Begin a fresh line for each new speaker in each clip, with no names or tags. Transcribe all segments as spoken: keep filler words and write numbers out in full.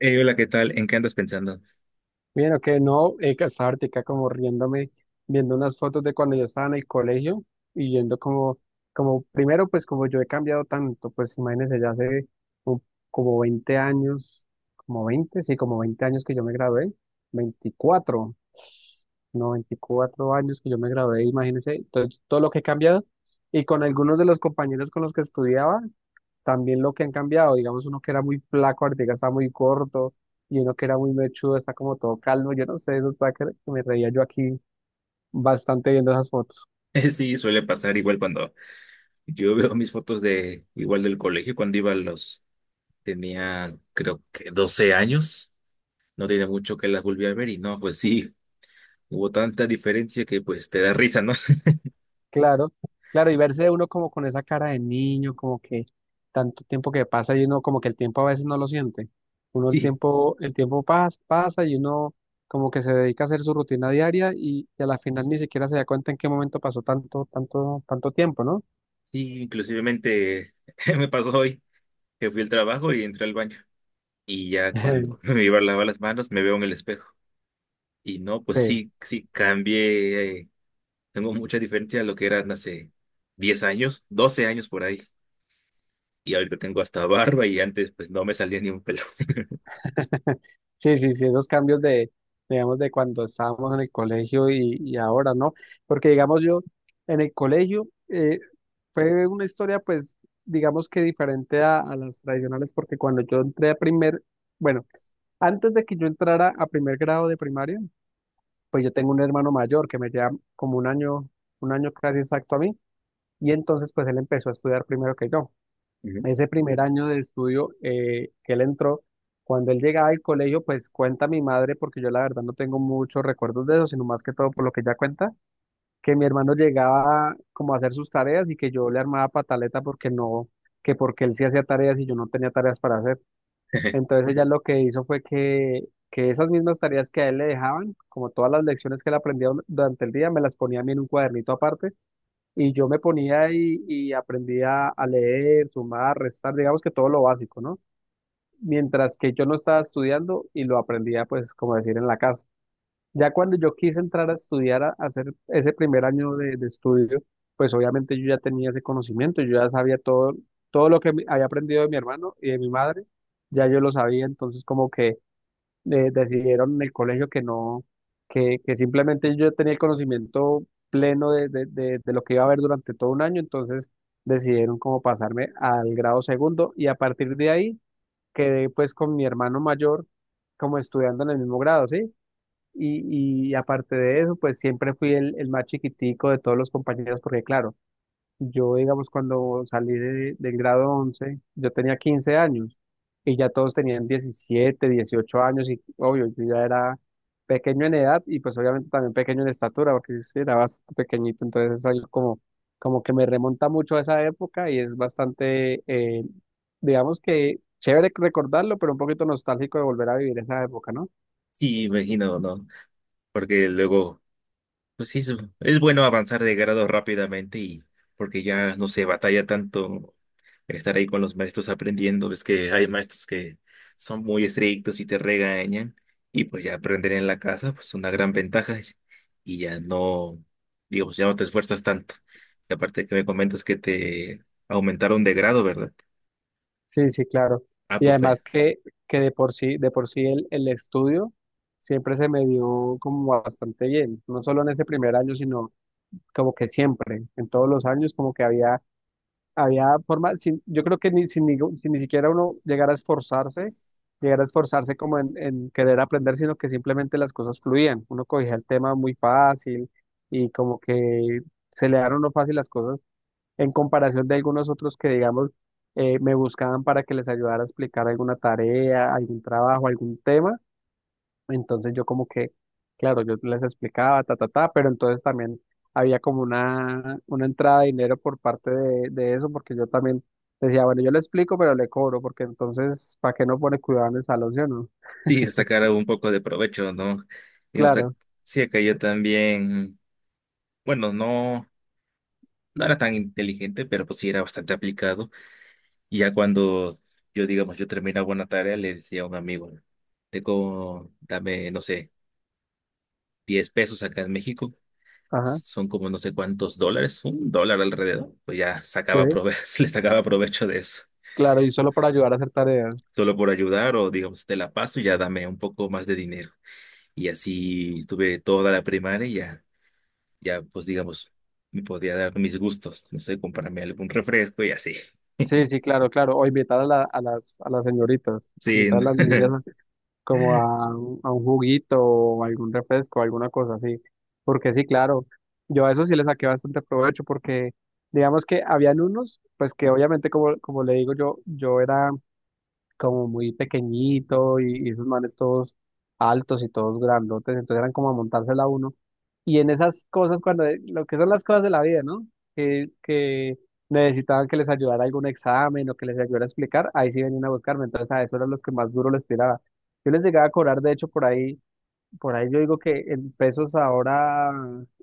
Hey, hola, ¿qué tal? ¿En qué andas pensando?
Mira, que no, eh, que estaba ahorita como riéndome, viendo unas fotos de cuando yo estaba en el colegio y yendo como, como primero, pues como yo he cambiado tanto, pues imagínense, ya hace un- como veinte años, como veinte sí, como veinte años que yo me gradué, veinticuatro no, veinticuatro años que yo me gradué, imagínense, todo, todo lo que he cambiado y con algunos de los compañeros con los que estudiaba, también lo que han cambiado, digamos, uno que era muy flaco, ahorita está muy corto, y uno que era muy mechudo, está como todo calmo, yo no sé, eso está que que me reía yo aquí bastante viendo esas fotos.
sí, suele pasar igual cuando yo veo mis fotos de igual del colegio, cuando iba a los, tenía creo que doce años. No tiene mucho que las volví a ver y no, pues sí, hubo tanta diferencia que pues te da risa, ¿no?
Claro, claro, y verse uno como con esa cara de niño, como que tanto tiempo que pasa y uno como que el tiempo a veces no lo siente. Uno el
Sí,
tiempo, el tiempo pasa, pasa y uno como que se dedica a hacer su rutina diaria y, y a la final ni siquiera se da cuenta en qué momento pasó tanto, tanto, tanto tiempo, ¿no?
sí, inclusivemente me pasó hoy que fui al trabajo y entré al baño y ya cuando me iba a lavar las manos me veo en el espejo y no, pues
Sí.
sí, sí, cambié, eh, tengo mucha diferencia a lo que era hace diez años, doce años por ahí. y ahorita tengo hasta barba y antes pues no me salía ni un pelo.
Sí, sí, sí, esos cambios de, digamos, de cuando estábamos en el colegio y, y ahora, ¿no? Porque, digamos, yo en el colegio eh, fue una historia, pues, digamos que diferente a, a las tradicionales, porque cuando yo entré a primer, bueno, antes de que yo entrara a primer grado de primaria, pues yo tengo un hermano mayor que me lleva como un año, un año casi exacto a mí, y entonces, pues, él empezó a estudiar primero que yo
Ujú.
ese primer año de estudio eh, que él entró, cuando él llegaba al colegio, pues cuenta mi madre, porque yo la verdad no tengo muchos recuerdos de eso, sino más que todo por lo que ella cuenta, que mi hermano llegaba como a hacer sus tareas y que yo le armaba pataleta porque no, que porque él sí hacía tareas y yo no tenía tareas para hacer. Entonces ella lo que hizo fue que, que esas mismas tareas que a él le dejaban, como todas las lecciones que él aprendía durante el día, me las ponía a mí en un cuadernito aparte y yo me ponía y, y aprendía a leer, sumar, restar, digamos que todo lo básico, ¿no? Mientras que yo no estaba estudiando y lo aprendía, pues, como decir, en la casa. Ya cuando yo quise entrar a estudiar, a a hacer ese primer año de, de estudio, pues obviamente yo ya tenía ese conocimiento, yo ya sabía todo, todo lo que mi- había aprendido de mi hermano y de mi madre, ya yo lo sabía, entonces como que eh, decidieron en el colegio que no, que, que simplemente yo tenía el conocimiento pleno de, de, de- de lo que iba a haber durante todo un año, entonces decidieron como pasarme al grado segundo y a partir de ahí quedé pues con mi hermano mayor como estudiando en el mismo grado, ¿sí? Y, y aparte de eso, pues siempre fui el, el más chiquitico de todos los compañeros, porque claro, yo, digamos, cuando salí de- del grado once yo tenía quince años y ya todos tenían diecisiete dieciocho años y obvio, yo ya era pequeño en edad y pues obviamente también pequeño en estatura porque sí, era bastante pequeñito, entonces es algo como, como que me remonta mucho a esa época y es bastante, eh, digamos que chévere recordarlo, pero un poquito nostálgico de volver a vivir esa época, ¿no?
Sí, imagino, ¿no? Porque luego, pues sí, es es bueno avanzar de grado rápidamente y porque ya no se batalla tanto estar ahí con los maestros aprendiendo. Ves que hay maestros que son muy estrictos y te regañan, y pues ya aprender en la casa pues una gran ventaja, y ya no, digamos, ya no te esfuerzas tanto. Y aparte que me comentas que te aumentaron de grado, ¿verdad?
Sí, sí, claro.
Ah,
Y
pues fue.
además que, que de por sí, de por sí el, el estudio siempre se me dio como bastante bien, no solo en ese primer año, sino como que siempre, en todos los años, como que había, había forma, sin, yo creo que ni, sin, ni, sin ni siquiera uno llegara a esforzarse, llegara a esforzarse, como en, en querer aprender, sino que simplemente las cosas fluían, uno cogía el tema muy fácil y como que se le daban uno fácil las cosas en comparación de algunos otros que, digamos, eh, me buscaban para que les ayudara a explicar alguna tarea, algún trabajo, algún tema. Entonces yo como que, claro, yo les explicaba, ta, ta, ta, pero entonces también había como una, una entrada de dinero por parte de, de eso, porque yo también decía, bueno, yo le explico, pero le cobro, porque entonces, ¿para qué no pone cuidado en el salón, sí o no?
Sí, sacar un poco de provecho, ¿no? Y, o sea,
Claro,
sí, acá yo también, bueno, no, no era tan inteligente, pero pues sí era bastante aplicado. Y ya cuando yo, digamos, yo terminaba una tarea, le decía a un amigo, te como, dame, no sé, diez pesos acá en México,
ajá,
son como no sé cuántos dólares, un dólar alrededor, pues ya
sí,
sacaba prove le sacaba provecho de eso,
claro, y solo para ayudar a hacer tareas.
solo por ayudar o digamos, te la paso y ya dame un poco más de dinero. Y así estuve toda la primaria, ya pues digamos, me podía dar mis gustos, no sé, comprarme algún refresco y así.
Sí, sí, claro, claro. O invitar a la- a las, a las señoritas,
Sí,
invitar a
no.
las niñas como a, un a un juguito o algún refresco, alguna cosa así. Porque sí, claro, yo a eso sí le saqué bastante provecho porque digamos que habían unos, pues que obviamente como, como le digo yo, yo era como muy pequeñito y, y esos manes todos altos y todos grandotes, entonces eran como a montársela a uno. Y en esas cosas, cuando eh, lo que son las cosas de la vida, ¿no? Que, que necesitaban que les ayudara algún examen o que les ayudara a explicar, ahí sí venían a buscarme, entonces a eso eran los que más duro les tiraba. Yo les llegaba a cobrar, de hecho, por ahí. Por ahí yo digo que en pesos ahora,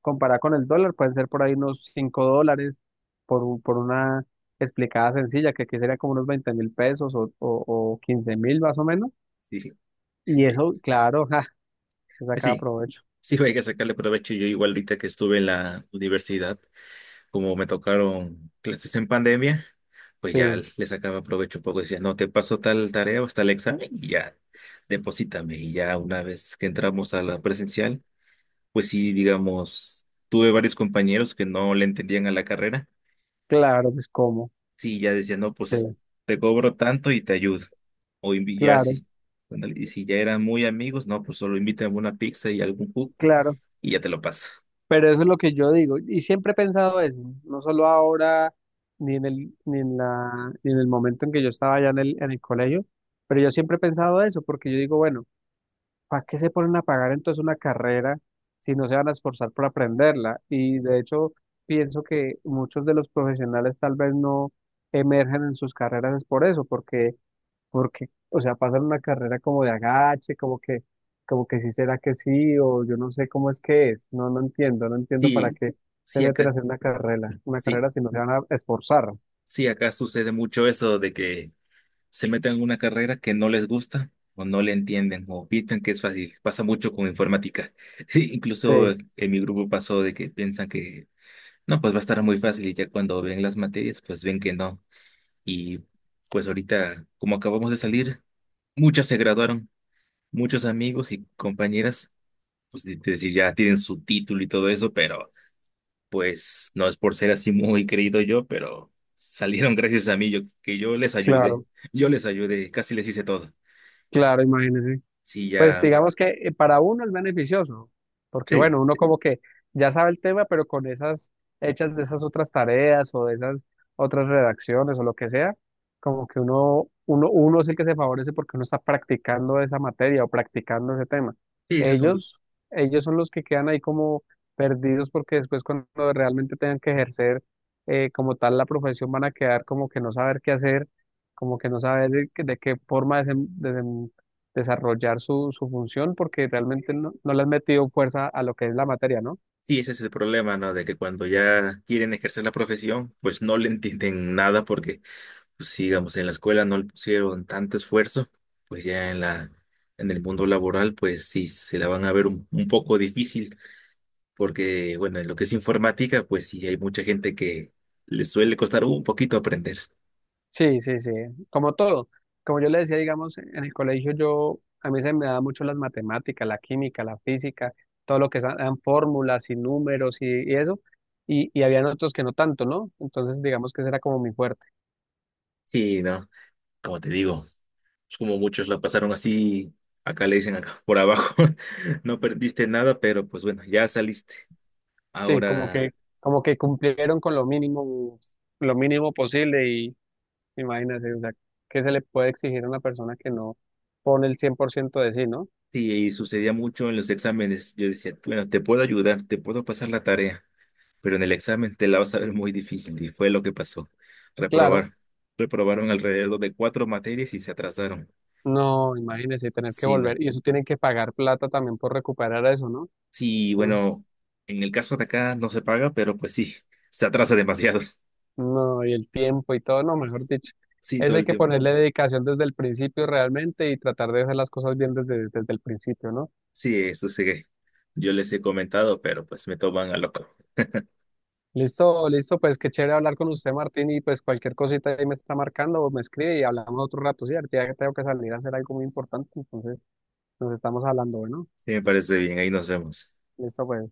comparado con el dólar, pueden ser por ahí unos cinco dólares por, un- por una explicada sencilla, que aquí sería como unos veinte mil pesos o, o, quince mil más o menos.
Sí, sí.
Y
Eh,
eso, claro, ja, se
pues
saca
sí,
provecho.
sí, hay que sacarle provecho. Yo igual ahorita que estuve en la universidad, como me tocaron clases en pandemia, pues ya
Sí,
le sacaba provecho un poco. Decía, no, te paso tal tarea o tal examen y ya, deposítame. Y ya una vez que entramos a la presencial, pues sí, digamos, tuve varios compañeros que no le entendían a la carrera.
claro, pues cómo.
Sí, ya decía, no, pues
Sí,
te cobro tanto y te ayudo. O invi- ya
claro,
si, cuando- y si ya eran muy amigos, no, pues solo invítame una pizza y algún jugo
claro.
y ya te lo paso.
Pero eso es lo que yo digo. Y siempre he pensado eso, no solo ahora, ni en el, ni en la, ni en el momento en que yo estaba allá en el, en el colegio, pero yo siempre he pensado eso, porque yo digo, bueno. ¿Para qué se ponen a pagar entonces una carrera si no se van a esforzar por aprenderla? Y de hecho, pienso que muchos de los profesionales tal vez no emergen en sus carreras es por eso, porque, porque, o sea, pasan una carrera como de agache, como que, como que sí será que sí, o yo no sé cómo es que es. No, no entiendo, no entiendo para
Sí,
qué se
sí
meten a
acá,
hacer una carrera, una
sí,
carrera si no se van a esforzar.
sí acá sucede mucho eso de que se meten en una carrera que no les gusta o no le entienden o piensan que es fácil. Pasa mucho con informática. Incluso
Sí,
en mi grupo pasó de que piensan que no, pues va a estar muy fácil, y ya cuando ven las materias, pues ven que no. Y pues ahorita, como acabamos de salir. Muchas se graduaron, muchos amigos y compañeras, pues de- de decir, ya tienen su título y todo eso, pero pues no es por ser así muy creído yo, pero salieron gracias a mí, yo, que yo les ayudé,
claro,
yo les ayudé, casi les hice todo.
claro, imagínense.
Sí,
Pues
ya,
digamos que eh, para uno es beneficioso, porque
sí,
bueno, uno como que ya sabe el tema, pero con esas hechas de esas otras tareas o de esas otras redacciones o lo que sea, como que uno, uno, uno es el que se favorece porque uno está practicando esa materia o practicando ese tema.
sí, ese es un-
Ellos, ellos son los que quedan ahí como perdidos porque después cuando realmente tengan que ejercer eh, como tal la profesión van a quedar como que no saber qué hacer, como que no saber de, de qué forma desen- desenvolverse desarrollar su, su función porque realmente no, no le has metido fuerza a lo que es la materia, ¿no?
sí, ese es el problema, ¿no? De que cuando ya quieren ejercer la profesión, pues no le entienden nada porque, pues, si, digamos, en la escuela no le pusieron tanto esfuerzo, pues ya en la, en el mundo laboral, pues sí, se la van a ver un un poco difícil. porque, bueno, en lo que es informática, pues sí, hay mucha gente que le suele costar un poquito aprender.
Sí, sí, sí, como todo. Como yo le decía, digamos, en el colegio yo, a mí se me da mucho las matemáticas, la química, la física, todo lo que sean fórmulas y números y, y eso, y, y habían otros que no tanto, ¿no? Entonces, digamos que ese era como mi fuerte.
Sí, ¿no? Como te digo, es como muchos la pasaron así, acá le dicen acá por abajo, no perdiste nada, pero pues bueno, ya saliste.
Sí, como que,
Ahora,
como que cumplieron con lo mínimo, lo mínimo posible y imagínate, o sea, ¿qué se le puede exigir a una persona que no pone el cien por ciento de sí? ¿No?
sí, y sucedía mucho en los exámenes. Yo decía, bueno, te puedo ayudar, te puedo pasar la tarea, pero en el examen te la vas a ver muy difícil, y fue lo que pasó.
Claro,
Reprobar. Reprobaron alrededor de cuatro materias y se atrasaron.
no, imagínese tener que
Sí, ¿no?
volver. Y eso tienen que pagar plata también por recuperar eso, ¿no?
Sí,
Entonces,
bueno, en el caso de acá no se paga, pero pues sí, se atrasa demasiado.
no, y el tiempo y todo, no, mejor dicho.
Sí, todo
Eso hay
el
que
tiempo.
ponerle dedicación desde el principio realmente y tratar de hacer las cosas bien desde, desde el principio, ¿no?
Sí, eso sí que yo les he comentado, pero pues me toman a loco.
Listo, listo, pues qué chévere hablar con usted, Martín, y pues cualquier cosita ahí me está marcando o me escribe y hablamos otro rato, ¿sí? Ahorita ya tengo que salir a hacer algo muy importante, entonces nos estamos hablando, bueno,
Sí, me parece bien, ahí nos vemos.
listo, pues.